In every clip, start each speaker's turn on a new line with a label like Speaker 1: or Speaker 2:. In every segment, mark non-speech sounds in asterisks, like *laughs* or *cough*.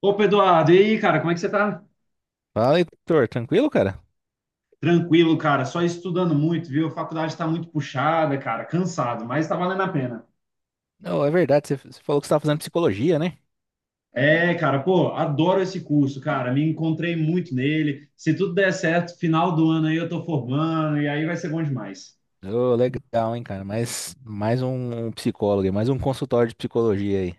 Speaker 1: Opa, Eduardo, e aí, cara, como é que você tá?
Speaker 2: Fala, Heitor. Tranquilo, cara?
Speaker 1: Tranquilo, cara, só estudando muito, viu? A faculdade tá muito puxada, cara, cansado, mas tá valendo a pena.
Speaker 2: Não, é verdade, você falou que você estava fazendo psicologia, né?
Speaker 1: É, cara, pô, adoro esse curso, cara, me encontrei muito nele. Se tudo der certo, final do ano aí eu tô formando, e aí vai ser bom demais.
Speaker 2: Ô, legal, hein, cara? Mais um psicólogo, aí, mais um consultório de psicologia aí.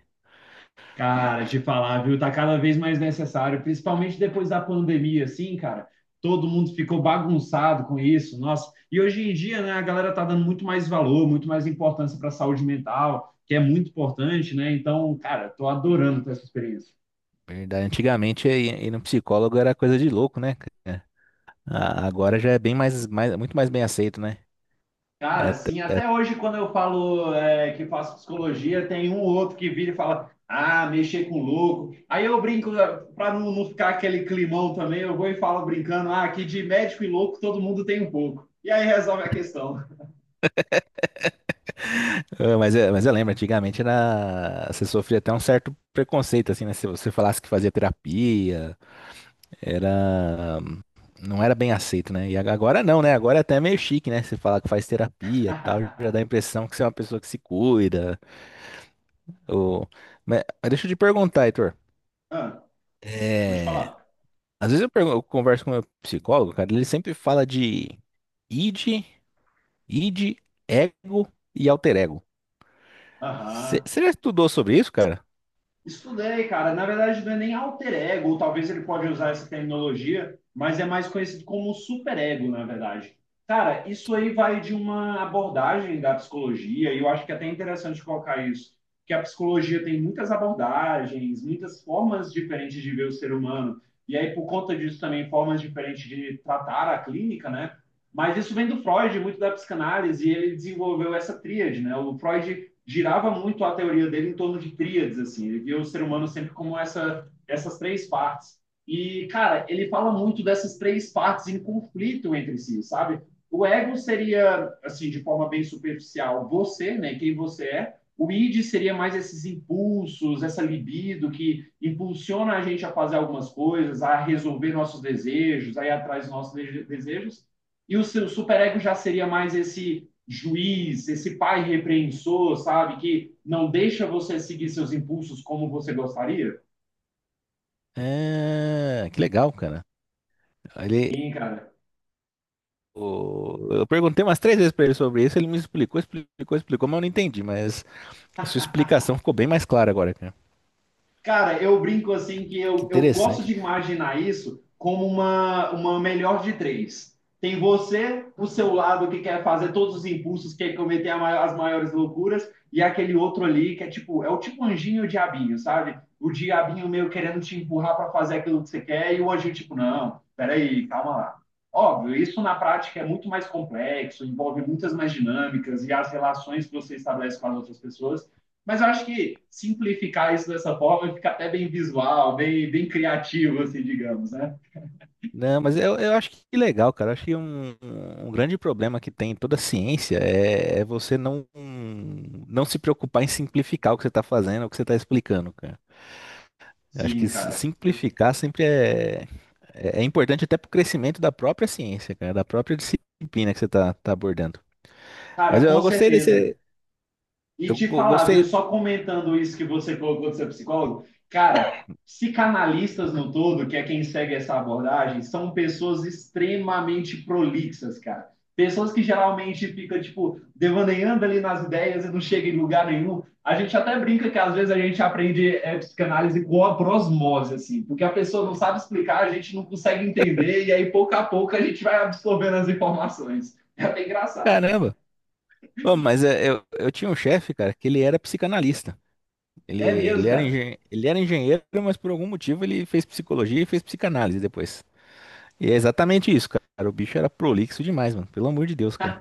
Speaker 1: Cara, de falar, viu? Tá cada vez mais necessário, principalmente depois da pandemia, assim, cara. Todo mundo ficou bagunçado com isso, nossa. E hoje em dia, né, a galera tá dando muito mais valor, muito mais importância para a saúde mental, que é muito importante, né? Então, cara, tô adorando ter essa experiência.
Speaker 2: Verdade. Antigamente, ir no psicólogo era coisa de louco, né, cara? Agora já é bem mais, muito mais bem aceito, né?
Speaker 1: Cara,
Speaker 2: É, até-
Speaker 1: assim,
Speaker 2: é-
Speaker 1: até hoje, quando eu falo que faço psicologia, tem um ou outro que vira e fala, ah, mexer com louco. Aí eu brinco, para não ficar aquele climão também, eu vou e falo brincando, ah, que de médico e louco todo mundo tem um pouco. E aí resolve a questão.
Speaker 2: Ah, mas eu lembro, antigamente era, você sofria até um certo preconceito, assim, né? Se você falasse que fazia terapia, era não era bem aceito, né? E agora não, né? Agora é até meio chique, né? Você falar que faz terapia, e tal, já dá a
Speaker 1: *laughs*
Speaker 2: impressão que você é uma pessoa que se cuida. Ou... mas deixa eu te perguntar, Heitor.
Speaker 1: Ah, pode
Speaker 2: É,
Speaker 1: falar.
Speaker 2: Às vezes eu converso com o meu psicólogo, cara, ele sempre fala de id, id, ego e alter ego. Você
Speaker 1: Aham.
Speaker 2: já estudou sobre isso, cara?
Speaker 1: Estudei, cara. Na verdade, não é nem alter ego, ou talvez ele pode usar essa terminologia, mas é mais conhecido como superego, na verdade. Cara, isso aí vai de uma abordagem da psicologia, e eu acho que é até interessante colocar isso, que a psicologia tem muitas abordagens, muitas formas diferentes de ver o ser humano, e aí por conta disso também formas diferentes de tratar a clínica, né? Mas isso vem do Freud, muito da psicanálise, e ele desenvolveu essa tríade, né? O Freud girava muito a teoria dele em torno de tríades, assim. Ele via o ser humano sempre como essas três partes. E, cara, ele fala muito dessas três partes em conflito entre si, sabe? O ego seria, assim, de forma bem superficial, você, né? Quem você é. O id seria mais esses impulsos, essa libido que impulsiona a gente a fazer algumas coisas, a resolver nossos desejos, a ir atrás dos nossos desejos. E o seu superego já seria mais esse juiz, esse pai repreensor, sabe? Que não deixa você seguir seus impulsos como você gostaria?
Speaker 2: É, que legal, cara. Ele,
Speaker 1: Sim, cara.
Speaker 2: eu perguntei umas três vezes pra ele sobre isso, ele me explicou, mas eu não entendi. Mas a sua explicação ficou bem mais clara agora, cara.
Speaker 1: Cara, eu brinco assim que
Speaker 2: Que
Speaker 1: eu gosto
Speaker 2: interessante.
Speaker 1: de imaginar isso como uma melhor de três. Tem você, o seu lado que quer fazer todos os impulsos, quer cometer as maiores loucuras, e aquele outro ali que é tipo, é o tipo anjinho e o diabinho, sabe? O diabinho meio querendo te empurrar para fazer aquilo que você quer, e o anjinho tipo, não, peraí, calma lá. Óbvio, isso na prática é muito mais complexo, envolve muitas mais dinâmicas e as relações que você estabelece com as outras pessoas. Mas eu acho que simplificar isso dessa forma fica até bem visual, bem, bem criativo, assim, digamos, né?
Speaker 2: Não, mas eu acho que legal, cara. Eu acho que um grande problema que tem em toda a ciência é você não se preocupar em simplificar o que você está fazendo, o que você está explicando, cara. Eu acho que
Speaker 1: Sim, cara.
Speaker 2: simplificar sempre é importante até para o crescimento da própria ciência, cara, da própria disciplina que você está tá tá abordando.
Speaker 1: Cara,
Speaker 2: Mas
Speaker 1: com
Speaker 2: eu gostei
Speaker 1: certeza.
Speaker 2: desse.
Speaker 1: E te falar, viu?
Speaker 2: Gostei.
Speaker 1: Só comentando isso que você colocou de ser psicólogo, cara, psicanalistas no todo, que é quem segue essa abordagem, são pessoas extremamente prolixas, cara. Pessoas que geralmente ficam tipo, devaneando ali nas ideias e não chegam em lugar nenhum. A gente até brinca que às vezes a gente aprende psicanálise com a prosmose, assim, porque a pessoa não sabe explicar, a gente não consegue entender, e aí pouco a pouco a gente vai absorvendo as informações. É bem engraçado.
Speaker 2: Caramba! Ô, mas é, eu tinha um chefe, cara, que ele era psicanalista.
Speaker 1: É mesmo, cara.
Speaker 2: Ele era engenheiro, mas por algum motivo ele fez psicologia e fez psicanálise depois. E é exatamente isso, cara. O bicho era prolixo demais, mano. Pelo amor de Deus, cara.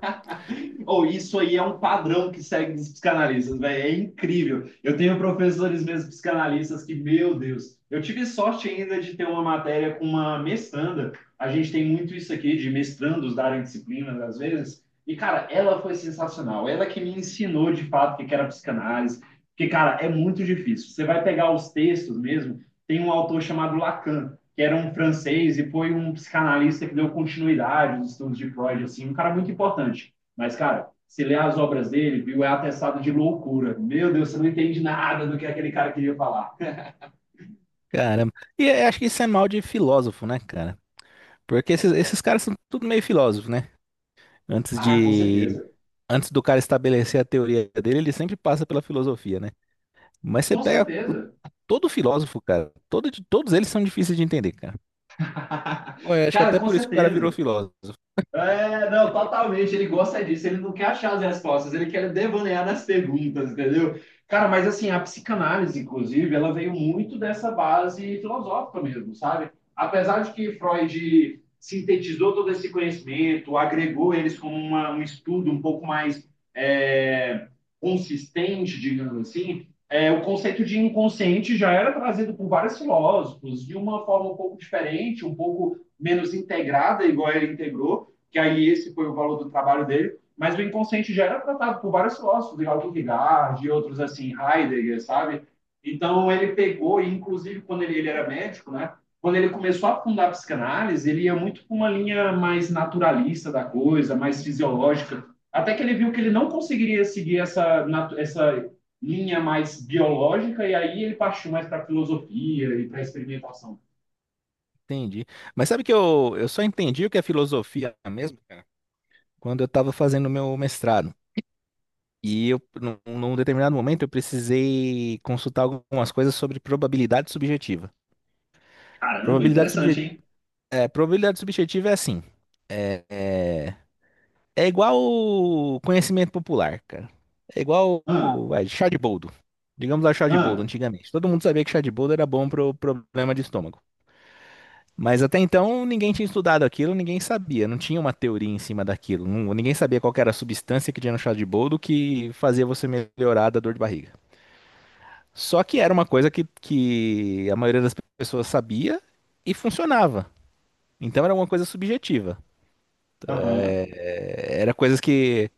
Speaker 1: Ou isso aí é um padrão que segue dos psicanalistas, velho. É incrível. Eu tenho professores mesmo psicanalistas que, meu Deus, eu tive sorte ainda de ter uma matéria com uma mestranda. A gente tem muito isso aqui de mestrandos darem disciplinas às vezes. E, cara, ela foi sensacional. Ela que me ensinou de fato o que era psicanálise. Porque, cara, é muito difícil. Você vai pegar os textos mesmo, tem um autor chamado Lacan, que era um francês e foi um psicanalista que deu continuidade aos estudos de Freud, assim, um cara muito importante. Mas, cara, se ler as obras dele, viu, é atestado de loucura. Meu Deus, você não entende nada do que aquele cara queria falar.
Speaker 2: Caramba. Acho que isso é mal de filósofo, né, cara? Porque esses caras são tudo meio filósofos, né? Antes
Speaker 1: Ah, com
Speaker 2: de,
Speaker 1: certeza.
Speaker 2: antes do cara estabelecer a teoria dele, ele sempre passa pela filosofia, né? Mas
Speaker 1: Com certeza.
Speaker 2: todo filósofo, cara. Todos eles são difíceis de entender, cara. Pô, eu acho que
Speaker 1: Cara,
Speaker 2: até
Speaker 1: com
Speaker 2: por isso que o cara virou
Speaker 1: certeza.
Speaker 2: filósofo.
Speaker 1: É, não, totalmente. Ele gosta disso. Ele não quer achar as respostas. Ele quer devanear nas perguntas, entendeu? Cara, mas assim, a psicanálise, inclusive, ela veio muito dessa base filosófica mesmo, sabe? Apesar de que Freud sintetizou todo esse conhecimento, agregou eles como um estudo um pouco mais é, consistente, digamos assim, é, o conceito de inconsciente já era trazido por vários filósofos de uma forma um pouco diferente, um pouco menos integrada, igual ele integrou que aí esse foi o valor do trabalho dele, mas o inconsciente já era tratado por vários filósofos, de Kierkegaard e outros assim, Heidegger, sabe? Então ele pegou, e inclusive quando ele era médico, né? Quando ele começou a fundar a psicanálise, ele ia muito para uma linha mais naturalista da coisa, mais fisiológica, até que ele viu que ele não conseguiria seguir essa linha mais biológica, e aí ele partiu mais para a filosofia e para a experimentação.
Speaker 2: Entendi. Mas sabe que eu só entendi o que é filosofia mesmo, cara, quando eu estava fazendo o meu mestrado. E num determinado momento, eu precisei consultar algumas coisas sobre probabilidade subjetiva.
Speaker 1: Caramba,
Speaker 2: Probabilidade, subje,
Speaker 1: interessante, hein?
Speaker 2: probabilidade subjetiva é assim. É, é, é igual o conhecimento popular, cara. É igual
Speaker 1: Ah,
Speaker 2: chá de boldo. Digamos lá, chá de boldo,
Speaker 1: ah,
Speaker 2: antigamente. Todo mundo sabia que chá de boldo era bom pro problema de estômago. Mas até então ninguém tinha estudado aquilo, ninguém sabia, não tinha uma teoria em cima daquilo. Ninguém sabia qual que era a substância que tinha no chá de boldo que fazia você melhorar da dor de barriga. Só que era uma coisa que a maioria das pessoas sabia e funcionava. Então era uma coisa subjetiva.
Speaker 1: aham,
Speaker 2: Era coisas que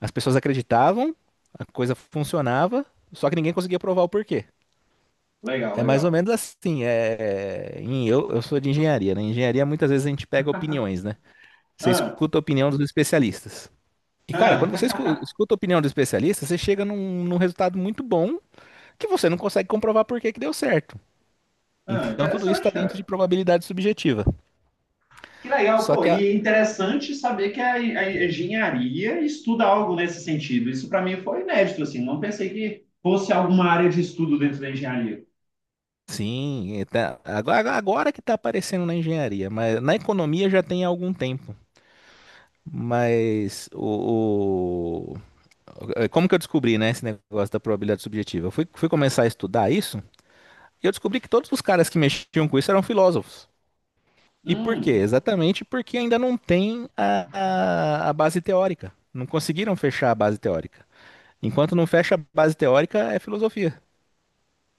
Speaker 2: as pessoas acreditavam, a coisa funcionava, só que ninguém conseguia provar o porquê.
Speaker 1: legal,
Speaker 2: É mais ou
Speaker 1: legal.
Speaker 2: menos assim. Eu sou de engenharia, né? Em engenharia muitas vezes a gente pega opiniões, né? Você
Speaker 1: Ah,
Speaker 2: escuta a opinião dos especialistas. E, cara, quando você
Speaker 1: ah,
Speaker 2: escuta a opinião dos especialistas, você chega num resultado muito bom que você não consegue comprovar por que que deu certo.
Speaker 1: *laughs* ah,
Speaker 2: Então, tudo isso está
Speaker 1: interessante,
Speaker 2: dentro de
Speaker 1: cara.
Speaker 2: probabilidade subjetiva.
Speaker 1: Que legal,
Speaker 2: Só
Speaker 1: pô.
Speaker 2: que a.
Speaker 1: E interessante saber que a engenharia estuda algo nesse sentido. Isso para mim foi inédito, assim. Não pensei que fosse alguma área de estudo dentro da engenharia.
Speaker 2: Sim, agora, agora que está aparecendo na engenharia, mas na economia já tem há algum tempo. Mas como que eu descobri, né, esse negócio da probabilidade subjetiva? Eu fui começar a estudar isso e eu descobri que todos os caras que mexiam com isso eram filósofos. E por quê?
Speaker 1: Hum.
Speaker 2: Exatamente porque ainda não tem a base teórica. Não conseguiram fechar a base teórica. Enquanto não fecha a base teórica, é filosofia.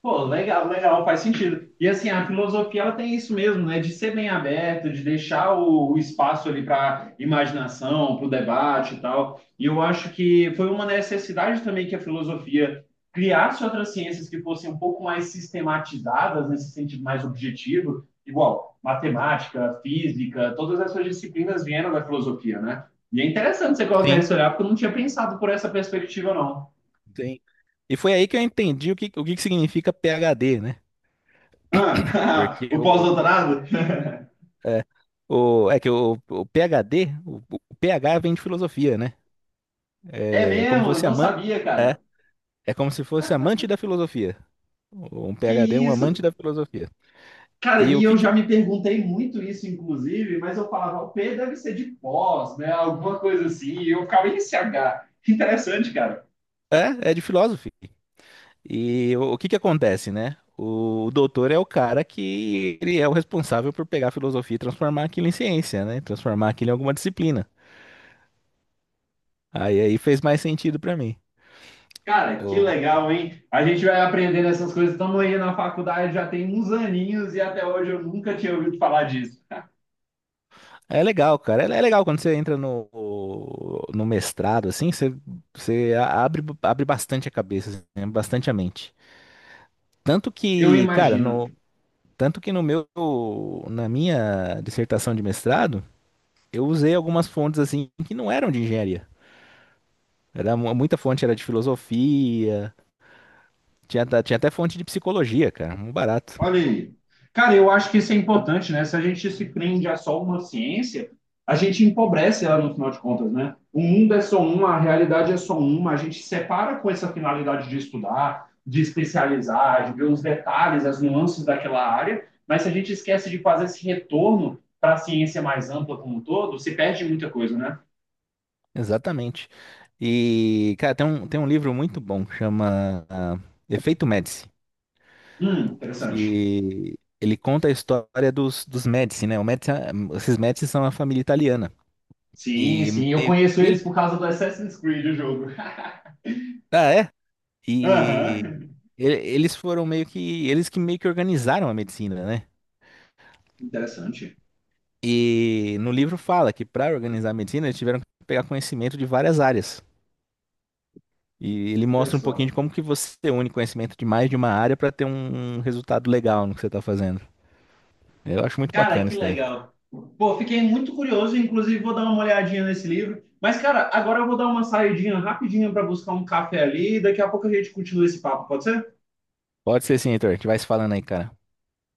Speaker 1: Pô, legal, legal, faz sentido. E assim, a filosofia ela tem isso mesmo, né? De ser bem aberto, de deixar o espaço ali para imaginação, para o debate e tal. E eu acho que foi uma necessidade também que a filosofia criasse outras ciências que fossem um pouco mais sistematizadas, nesse sentido mais objetivo, igual matemática, física, todas essas disciplinas vieram da filosofia, né? E é interessante você colocar
Speaker 2: Sim,
Speaker 1: isso olhar, porque eu não tinha pensado por essa perspectiva, não.
Speaker 2: sim. E foi aí que eu entendi o que que significa PhD, né?
Speaker 1: Ah,
Speaker 2: Porque
Speaker 1: *laughs* o pós-doutorado?
Speaker 2: É, o, é que o PhD, o PH vem de filosofia, né?
Speaker 1: É
Speaker 2: É como se
Speaker 1: mesmo? Eu
Speaker 2: fosse
Speaker 1: não sabia,
Speaker 2: é,
Speaker 1: cara.
Speaker 2: é como se fosse amante da filosofia. Um
Speaker 1: Que
Speaker 2: PhD é um amante
Speaker 1: isso?
Speaker 2: da filosofia.
Speaker 1: Cara,
Speaker 2: E o
Speaker 1: e eu
Speaker 2: que que
Speaker 1: já
Speaker 2: o-
Speaker 1: me perguntei muito isso, inclusive, mas eu falava, o P deve ser de pós, né? Alguma coisa assim. E eu ficava em CH. Interessante, cara.
Speaker 2: é, é de filósofo. O que que acontece, né? O doutor é o cara que ele é o responsável por pegar a filosofia e transformar aquilo em ciência, né? Transformar aquilo em alguma disciplina. Aí fez mais sentido pra mim.
Speaker 1: Cara, que legal, hein? A gente vai aprendendo essas coisas. Estamos aí na faculdade já tem uns aninhos e até hoje eu nunca tinha ouvido falar disso.
Speaker 2: É legal, cara. É legal quando você entra no mestrado, assim, você abre, abre bastante a cabeça, assim, né? Bastante a mente. Tanto
Speaker 1: Eu
Speaker 2: que, cara,
Speaker 1: imagino.
Speaker 2: no, tanto que no meu, na minha dissertação de mestrado, eu usei algumas fontes, assim, que não eram de engenharia. Muita fonte era de filosofia, tinha até fonte de psicologia, cara, muito barato.
Speaker 1: Olha aí. Cara, eu acho que isso é importante, né? Se a gente se prende a só uma ciência, a gente empobrece ela no final de contas, né? O mundo é só uma, a realidade é só uma, a gente separa com essa finalidade de estudar, de especializar, de ver os detalhes, as nuances daquela área, mas se a gente esquece de fazer esse retorno para a ciência mais ampla como um todo, se perde muita coisa, né?
Speaker 2: Exatamente. E, cara, tem tem um livro muito bom, que chama Efeito Médici,
Speaker 1: Interessante.
Speaker 2: que ele conta a história dos Médici, né? Esses Médici são uma família italiana.
Speaker 1: Sim,
Speaker 2: E
Speaker 1: sim, eu
Speaker 2: meio,
Speaker 1: conheço eles
Speaker 2: ele,
Speaker 1: por causa do Assassin's Creed, o jogo. *laughs*
Speaker 2: ah, é? E
Speaker 1: Aham,
Speaker 2: eles foram meio que, eles que meio que organizaram a medicina, né?
Speaker 1: interessante.
Speaker 2: E no livro fala que para organizar a medicina eles tiveram que pegar conhecimento de várias áreas. E ele mostra um pouquinho
Speaker 1: Pessoal.
Speaker 2: de como que você une conhecimento de mais de uma área para ter um resultado legal no que você tá fazendo. Eu acho muito
Speaker 1: Cara,
Speaker 2: bacana
Speaker 1: que
Speaker 2: isso daí.
Speaker 1: legal. Pô, fiquei muito curioso, inclusive vou dar uma olhadinha nesse livro. Mas, cara, agora eu vou dar uma saidinha rapidinha para buscar um café ali e daqui a pouco a gente continua esse papo, pode ser?
Speaker 2: Pode ser sim, Heitor. A gente vai se falando aí, cara.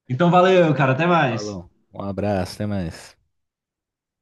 Speaker 1: Então valeu, cara, até mais.
Speaker 2: Falou. Um abraço, até mais.